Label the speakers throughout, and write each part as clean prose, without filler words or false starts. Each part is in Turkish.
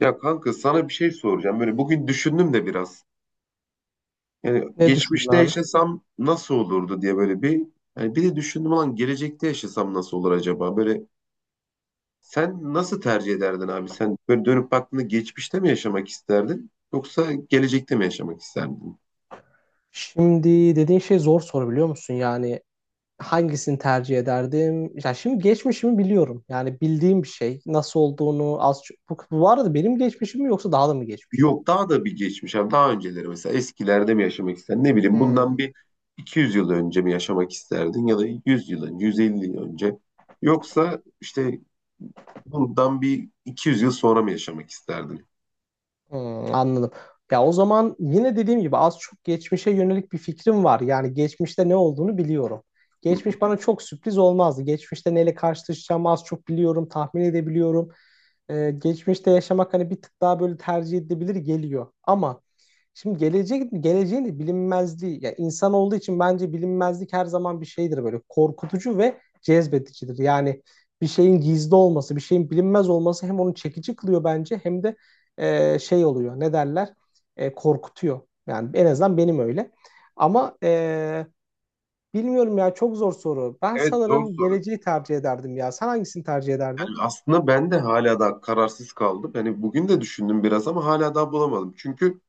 Speaker 1: Ya kanka sana bir şey soracağım. Böyle bugün düşündüm de biraz. Yani
Speaker 2: Ne düşündün
Speaker 1: geçmişte
Speaker 2: abi?
Speaker 1: yaşasam nasıl olurdu diye böyle bir bir de düşündüm olan gelecekte yaşasam nasıl olur acaba? Böyle sen nasıl tercih ederdin abi? Sen böyle dönüp baktığında geçmişte mi yaşamak isterdin yoksa gelecekte mi yaşamak isterdin?
Speaker 2: Şimdi dediğin şey zor soru biliyor musun? Yani hangisini tercih ederdim? Ya şimdi geçmişimi biliyorum. Yani bildiğim bir şey. Nasıl olduğunu az çok. Bu arada benim geçmişim mi yoksa daha da mı geçmiş?
Speaker 1: Yok daha da bir geçmiş abi, daha önceleri mesela eskilerde mi yaşamak isterdin? Ne bileyim, bundan
Speaker 2: Hmm,
Speaker 1: bir 200 yıl önce mi yaşamak isterdin ya da 100 yıl önce, 150 yıl önce, yoksa bundan bir 200 yıl sonra mı yaşamak isterdin?
Speaker 2: anladım. Ya o zaman yine dediğim gibi az çok geçmişe yönelik bir fikrim var. Yani geçmişte ne olduğunu biliyorum.
Speaker 1: Hı hı.
Speaker 2: Geçmiş bana çok sürpriz olmazdı. Geçmişte neyle karşılaşacağımı az çok biliyorum, tahmin edebiliyorum. Geçmişte yaşamak hani bir tık daha böyle tercih edilebilir geliyor. Ama şimdi gelecek geleceğin de bilinmezliği ya insan olduğu için bence bilinmezlik her zaman bir şeydir böyle korkutucu ve cezbedicidir. Yani bir şeyin gizli olması, bir şeyin bilinmez olması hem onu çekici kılıyor bence hem de şey oluyor. Ne derler? Korkutuyor. Yani en azından benim öyle. Ama bilmiyorum ya çok zor soru. Ben
Speaker 1: Evet, zor
Speaker 2: sanırım
Speaker 1: soru.
Speaker 2: geleceği tercih ederdim ya. Sen hangisini tercih ederdin?
Speaker 1: Yani aslında ben de hala daha kararsız kaldım. Yani bugün de düşündüm biraz ama hala daha bulamadım. Çünkü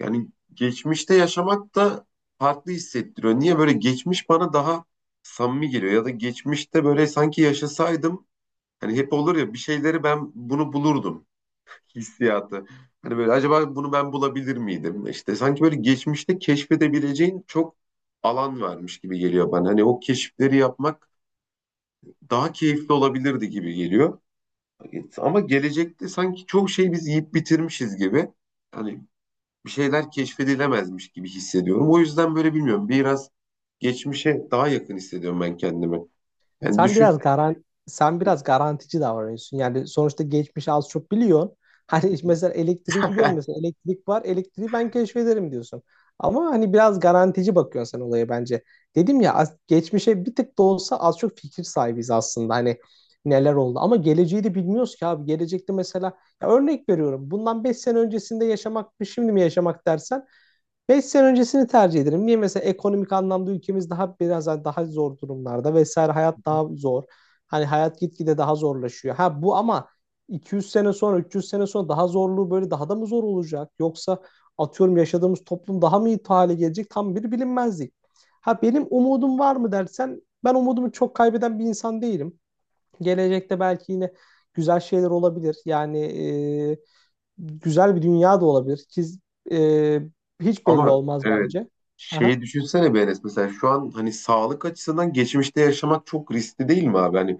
Speaker 1: yani geçmişte yaşamak da farklı hissettiriyor. Niye böyle geçmiş bana daha samimi geliyor ya da geçmişte böyle sanki yaşasaydım, hani hep olur ya, bir şeyleri ben bunu bulurdum hissiyatı. Hani böyle acaba bunu ben bulabilir miydim? İşte sanki böyle geçmişte keşfedebileceğin çok alan varmış gibi geliyor bana. Hani o keşifleri yapmak daha keyifli olabilirdi gibi geliyor. Ama gelecekte sanki çok şey biz yiyip bitirmişiz gibi. Hani bir şeyler keşfedilemezmiş gibi hissediyorum. O yüzden böyle bilmiyorum, biraz geçmişe daha yakın hissediyorum ben kendimi. Yani düşün.
Speaker 2: Sen biraz garantici davranıyorsun. Yani sonuçta geçmişi az çok biliyorsun. Hani mesela elektriği biliyorsun, mesela elektrik var, elektriği ben keşfederim diyorsun. Ama hani biraz garantici bakıyorsun sen olaya bence. Dedim ya, geçmişe bir tık da olsa az çok fikir sahibiz aslında. Hani neler oldu ama geleceği de bilmiyoruz ki abi. Gelecekte mesela ya örnek veriyorum. Bundan 5 sene öncesinde yaşamak mı şimdi mi yaşamak dersen 5 sene öncesini tercih ederim. Niye mesela ekonomik anlamda ülkemiz daha biraz daha zor durumlarda vesaire, hayat daha zor. Hani hayat gitgide daha zorlaşıyor. Ha bu ama 200 sene sonra 300 sene sonra daha zorluğu böyle daha da mı zor olacak? Yoksa atıyorum yaşadığımız toplum daha mı iyi hale gelecek? Tam bir bilinmezlik. Ha benim umudum var mı dersen, ben umudumu çok kaybeden bir insan değilim. Gelecekte belki yine güzel şeyler olabilir. Yani e, güzel bir dünya da olabilir. Ki e, hiç belli
Speaker 1: Ama
Speaker 2: olmaz
Speaker 1: evet,
Speaker 2: bence.
Speaker 1: şeyi
Speaker 2: Aha.
Speaker 1: düşünsene be Enes, mesela şu an hani sağlık açısından geçmişte yaşamak çok riskli değil mi abi? Hani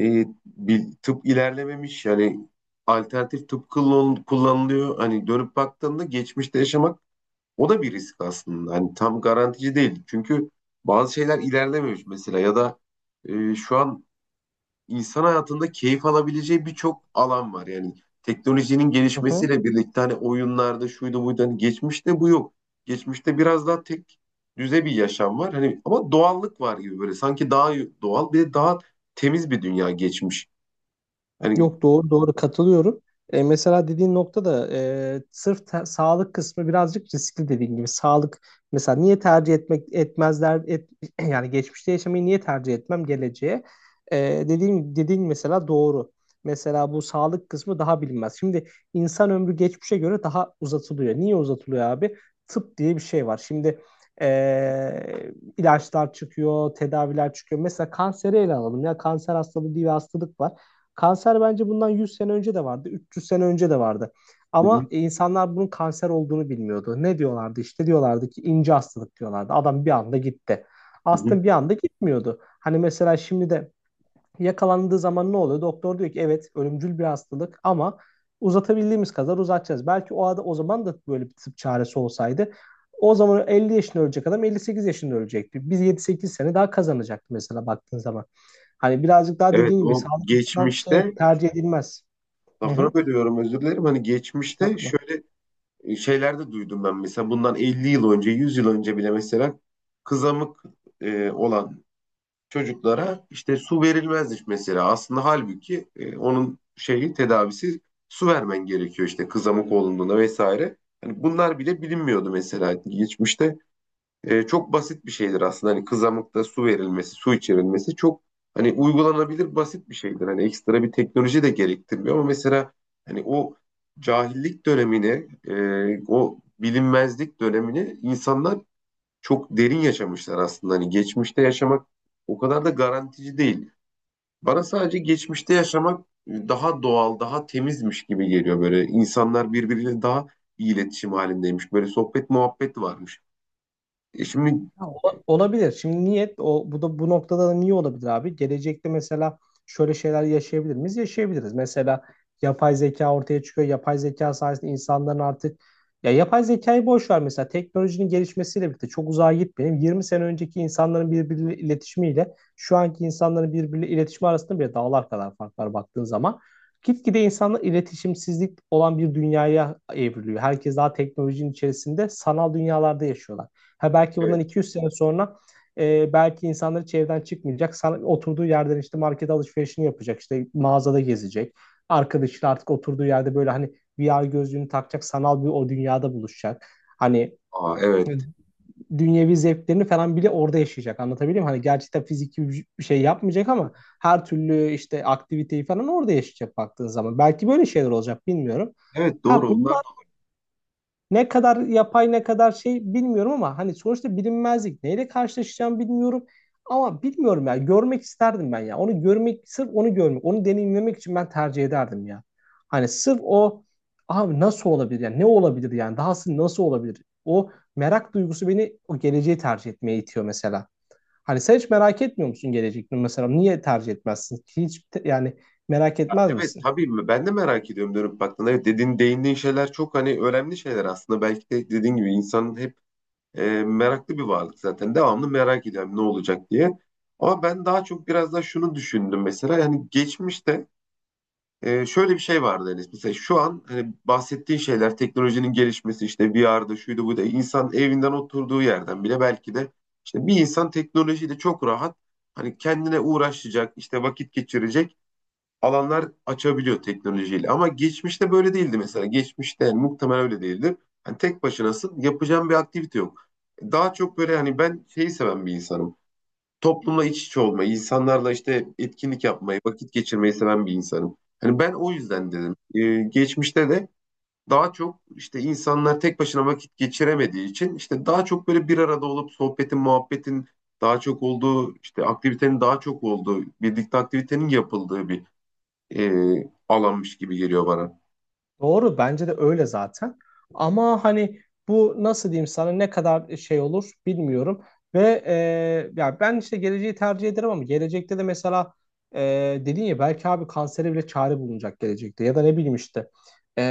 Speaker 1: bir tıp ilerlememiş, yani alternatif tıp kullanılıyor. Hani dönüp baktığında geçmişte yaşamak o da bir risk aslında. Hani tam garantici değil. Çünkü bazı şeyler ilerlememiş mesela ya da şu an insan hayatında keyif alabileceği birçok alan var. Yani teknolojinin gelişmesiyle birlikte hani oyunlarda şuydu buydu, hani geçmişte bu yok. Geçmişte biraz daha tek düze bir yaşam var. Hani ama doğallık var gibi, böyle sanki daha doğal, bir de daha temiz bir dünya geçmiş. Hani.
Speaker 2: Yok doğru doğru katılıyorum. Mesela dediğin nokta da, sağlık kısmı birazcık riskli dediğin gibi. Sağlık mesela niye tercih etmezler yani geçmişte yaşamayı niye tercih etmem geleceğe? E, dediğin mesela doğru. Mesela bu sağlık kısmı daha bilinmez. Şimdi insan ömrü geçmişe göre daha uzatılıyor. Niye uzatılıyor abi? Tıp diye bir şey var. Şimdi e, ilaçlar çıkıyor, tedaviler çıkıyor. Mesela kanseri ele alalım, ya kanser hastalığı diye bir hastalık var. Kanser bence bundan 100 sene önce de vardı, 300 sene önce de vardı.
Speaker 1: Hı hı,
Speaker 2: Ama insanlar bunun kanser olduğunu bilmiyordu. Ne diyorlardı? İşte diyorlardı ki ince hastalık diyorlardı. Adam bir anda gitti.
Speaker 1: hı hı.
Speaker 2: Aslında bir anda gitmiyordu. Hani mesela şimdi de yakalandığı zaman ne oluyor? Doktor diyor ki evet ölümcül bir hastalık ama uzatabildiğimiz kadar uzatacağız. Belki o zaman da böyle bir tıp çaresi olsaydı, o zaman 50 yaşında ölecek adam 58 yaşında ölecekti. Biz 7-8 sene daha kazanacaktık mesela baktığın zaman. Hani birazcık daha
Speaker 1: Evet,
Speaker 2: dediğin gibi
Speaker 1: o
Speaker 2: sağlık açısından
Speaker 1: geçmişte,
Speaker 2: tercih edilmez. Hı
Speaker 1: lafını
Speaker 2: hı.
Speaker 1: bölüyorum özür dilerim. Hani geçmişte
Speaker 2: Hesapla.
Speaker 1: şöyle şeyler de duydum ben, mesela bundan 50 yıl önce, 100 yıl önce bile mesela kızamık olan çocuklara işte su verilmezmiş mesela. Aslında halbuki onun şeyi, tedavisi su vermen gerekiyor, işte kızamık olduğunda vesaire. Hani bunlar bile bilinmiyordu mesela geçmişte. Çok basit bir şeydir aslında. Hani kızamıkta su verilmesi, su içirilmesi çok hani uygulanabilir basit bir şeydir. Hani ekstra bir teknoloji de gerektirmiyor ama mesela hani o cahillik dönemini, o bilinmezlik dönemini insanlar çok derin yaşamışlar aslında. Hani geçmişte yaşamak o kadar da garantici değil. Bana sadece geçmişte yaşamak daha doğal, daha temizmiş gibi geliyor böyle. İnsanlar birbiriyle daha iyi iletişim halindeymiş. Böyle sohbet muhabbet varmış. E şimdi
Speaker 2: Olabilir. Şimdi niyet o bu da Bu noktada da niye olabilir abi? Gelecekte mesela şöyle şeyler yaşayabilir miyiz? Yaşayabiliriz. Mesela yapay zeka ortaya çıkıyor. Yapay zeka sayesinde insanların artık Ya yapay zekayı boş ver, mesela teknolojinin gelişmesiyle birlikte çok uzağa gitmeyelim. 20 sene önceki insanların birbiriyle iletişimiyle şu anki insanların birbiriyle iletişimi arasında bile dağlar kadar fark var baktığın zaman. Gitgide insanlar iletişimsizlik olan bir dünyaya evriliyor. Herkes daha teknolojinin içerisinde sanal dünyalarda yaşıyorlar. Ha belki bundan
Speaker 1: evet.
Speaker 2: 200 sene sonra belki insanları hiç çıkmayacak. Oturduğu yerden işte market alışverişini yapacak, işte mağazada gezecek. Arkadaşıyla artık oturduğu yerde böyle hani VR gözlüğünü takacak. Sanal bir o dünyada buluşacak. Hani,
Speaker 1: Aa, evet.
Speaker 2: evet, dünyevi zevklerini falan bile orada yaşayacak. Anlatabiliyor muyum? Hani gerçekten fiziki bir şey yapmayacak ama her türlü işte aktiviteyi falan orada yaşayacak baktığın zaman. Belki böyle şeyler olacak bilmiyorum.
Speaker 1: Evet, doğru
Speaker 2: Ha bunu
Speaker 1: onlar.
Speaker 2: ne kadar yapay ne kadar şey bilmiyorum, ama hani sonuçta bilinmezlik. Neyle karşılaşacağım bilmiyorum. Ama bilmiyorum ya, görmek isterdim ben ya. Onu görmek, sırf onu görmek, onu deneyimlemek için ben tercih ederdim ya. Hani sırf o, abi nasıl olabilir yani, ne olabilir yani, dahası nasıl olabilir? O merak duygusu beni o geleceği tercih etmeye itiyor mesela. Hani sen hiç merak etmiyor musun gelecekte mesela? Niye tercih etmezsin? Yani merak etmez
Speaker 1: Evet
Speaker 2: misin?
Speaker 1: tabii mi? Ben de merak ediyorum dönüp baktığında. Evet, dediğin, değindiğin şeyler çok hani önemli şeyler aslında. Belki de dediğin gibi insanın hep, meraklı bir varlık zaten. Devamlı merak ediyorum ne olacak diye. Ama ben daha çok biraz daha şunu düşündüm mesela. Yani geçmişte şöyle bir şey vardı Enes. Mesela şu an hani bahsettiğin şeyler, teknolojinin gelişmesi, işte VR'da şuydu bu da insan evinden oturduğu yerden bile belki de işte bir insan teknolojiyle çok rahat, hani kendine uğraşacak, işte vakit geçirecek alanlar açabiliyor teknolojiyle. Ama geçmişte böyle değildi mesela. Geçmişte yani muhtemelen öyle değildi. Hani tek başınasın, yapacağın bir aktivite yok. Daha çok böyle, hani ben şeyi seven bir insanım. Toplumla iç içe olmayı, insanlarla işte etkinlik yapmayı, vakit geçirmeyi seven bir insanım. Hani ben o yüzden dedim. Geçmişte de daha çok işte insanlar tek başına vakit geçiremediği için işte daha çok böyle bir arada olup sohbetin, muhabbetin daha çok olduğu, işte aktivitenin daha çok olduğu, birlikte aktivitenin yapıldığı bir e, alanmış gibi geliyor bana.
Speaker 2: Doğru bence de öyle zaten. Ama hani bu nasıl diyeyim sana, ne kadar şey olur bilmiyorum. Ya ben işte geleceği tercih ederim ama gelecekte de mesela e, dedin ya, belki abi kansere bile çare bulunacak gelecekte. Ya da ne bileyim işte,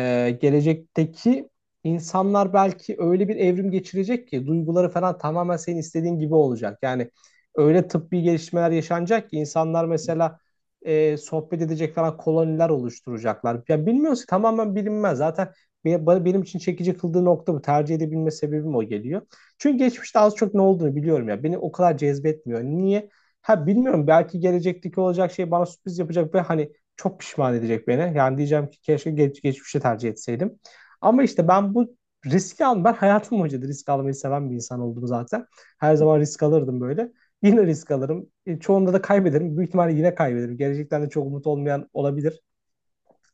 Speaker 2: gelecekteki insanlar belki öyle bir evrim geçirecek ki duyguları falan tamamen senin istediğin gibi olacak. Yani öyle tıbbi gelişmeler yaşanacak ki insanlar mesela sohbet edecek falan, koloniler oluşturacaklar. Ya bilmiyoruz, tamamen bilinmez. Zaten benim için çekici kıldığı nokta bu. Tercih edebilme sebebim o geliyor. Çünkü geçmişte az çok ne olduğunu biliyorum ya. Beni o kadar cezbetmiyor. Niye? Ha bilmiyorum, belki gelecekteki olacak şey bana sürpriz yapacak ve hani çok pişman edecek beni. Yani diyeceğim ki keşke geçmişi tercih etseydim. Ama işte ben bu riski al ben hayatım boyunca da risk almayı seven bir insan oldum zaten. Her zaman risk alırdım böyle. Yine risk alırım. Çoğunda da kaybederim. Büyük ihtimalle yine kaybederim. Gelecekten de çok umut olmayan olabilir.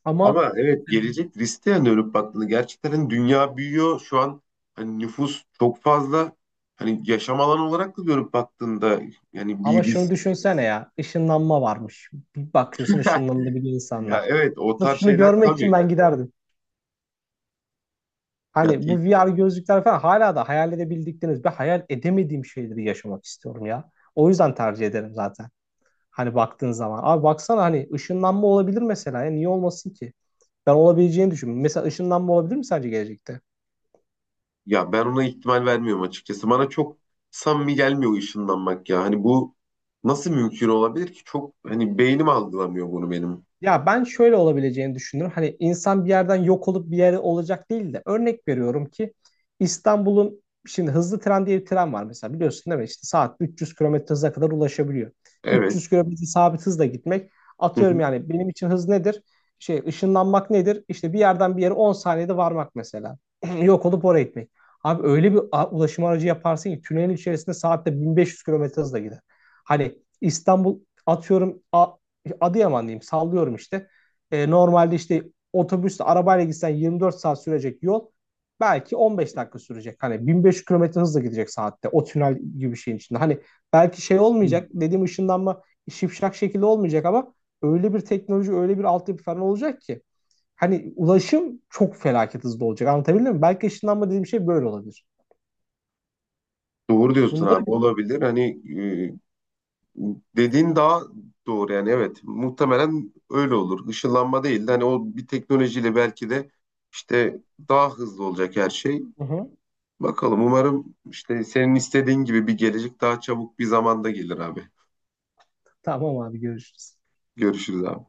Speaker 2: Ama
Speaker 1: Ama evet, gelecek riske dönüp baktığında gerçekten hani dünya büyüyor. Şu an hani nüfus çok fazla. Hani yaşam alanı olarak da dönüp baktığında yani bir
Speaker 2: ama şunu
Speaker 1: risk.
Speaker 2: düşünsene ya. Işınlanma varmış. Bir bakıyorsun ışınlanabilir
Speaker 1: Ya
Speaker 2: insanlar.
Speaker 1: evet, o
Speaker 2: Sırf
Speaker 1: tarz
Speaker 2: şunu
Speaker 1: şeyler
Speaker 2: görmek için
Speaker 1: tabii.
Speaker 2: ben giderdim.
Speaker 1: Ya,
Speaker 2: Hani bu
Speaker 1: te-
Speaker 2: VR gözlükler falan, hala da hayal edebildikleriniz ve hayal edemediğim şeyleri yaşamak istiyorum ya. O yüzden tercih ederim zaten. Hani baktığın zaman, abi baksana hani ışınlanma olabilir mesela. Ya niye olmasın ki? Ben olabileceğini düşünüyorum. Mesela ışınlanma olabilir mi sence gelecekte?
Speaker 1: Ya ben ona ihtimal vermiyorum açıkçası. Bana çok samimi gelmiyor o ışınlanmak ya. Hani bu nasıl mümkün olabilir ki? Çok hani beynim algılamıyor bunu benim.
Speaker 2: Ya ben şöyle olabileceğini düşünüyorum. Hani insan bir yerden yok olup bir yere olacak değil de, örnek veriyorum ki İstanbul'un şimdi hızlı tren diye bir tren var mesela, biliyorsun değil mi? İşte saat 300 kilometre hıza kadar ulaşabiliyor.
Speaker 1: Evet.
Speaker 2: 300 kilometre sabit hızla gitmek
Speaker 1: Hı
Speaker 2: atıyorum
Speaker 1: hı.
Speaker 2: yani, benim için hız nedir? Şey, ışınlanmak nedir? İşte bir yerden bir yere 10 saniyede varmak mesela. Yok olup oraya gitmek. Abi öyle ulaşım aracı yaparsın ki tünelin içerisinde saatte 1500 kilometre hızla gider. Hani İstanbul atıyorum Adıyaman diyeyim, sallıyorum işte. Normalde işte otobüsle arabayla gitsen 24 saat sürecek yol belki 15 dakika sürecek. Hani 1500 kilometre hızla gidecek saatte o tünel gibi bir şeyin içinde. Hani belki şey olmayacak, dediğim ışınlanma şipşak şekilde olmayacak ama öyle bir teknoloji öyle bir altyapı falan olacak ki hani ulaşım çok felaket hızlı olacak, anlatabildim mi? Belki ışınlanma dediğim şey böyle olabilir.
Speaker 1: Doğru diyorsun
Speaker 2: Bunları.
Speaker 1: abi, olabilir. Hani e, dediğin daha doğru, yani evet muhtemelen öyle olur. Işınlanma değil de hani o bir teknolojiyle belki de işte daha hızlı olacak her şey.
Speaker 2: Hı hı.
Speaker 1: Bakalım, umarım işte senin istediğin gibi bir gelecek daha çabuk bir zamanda gelir abi.
Speaker 2: Tamam abi görüşürüz.
Speaker 1: Görüşürüz abi.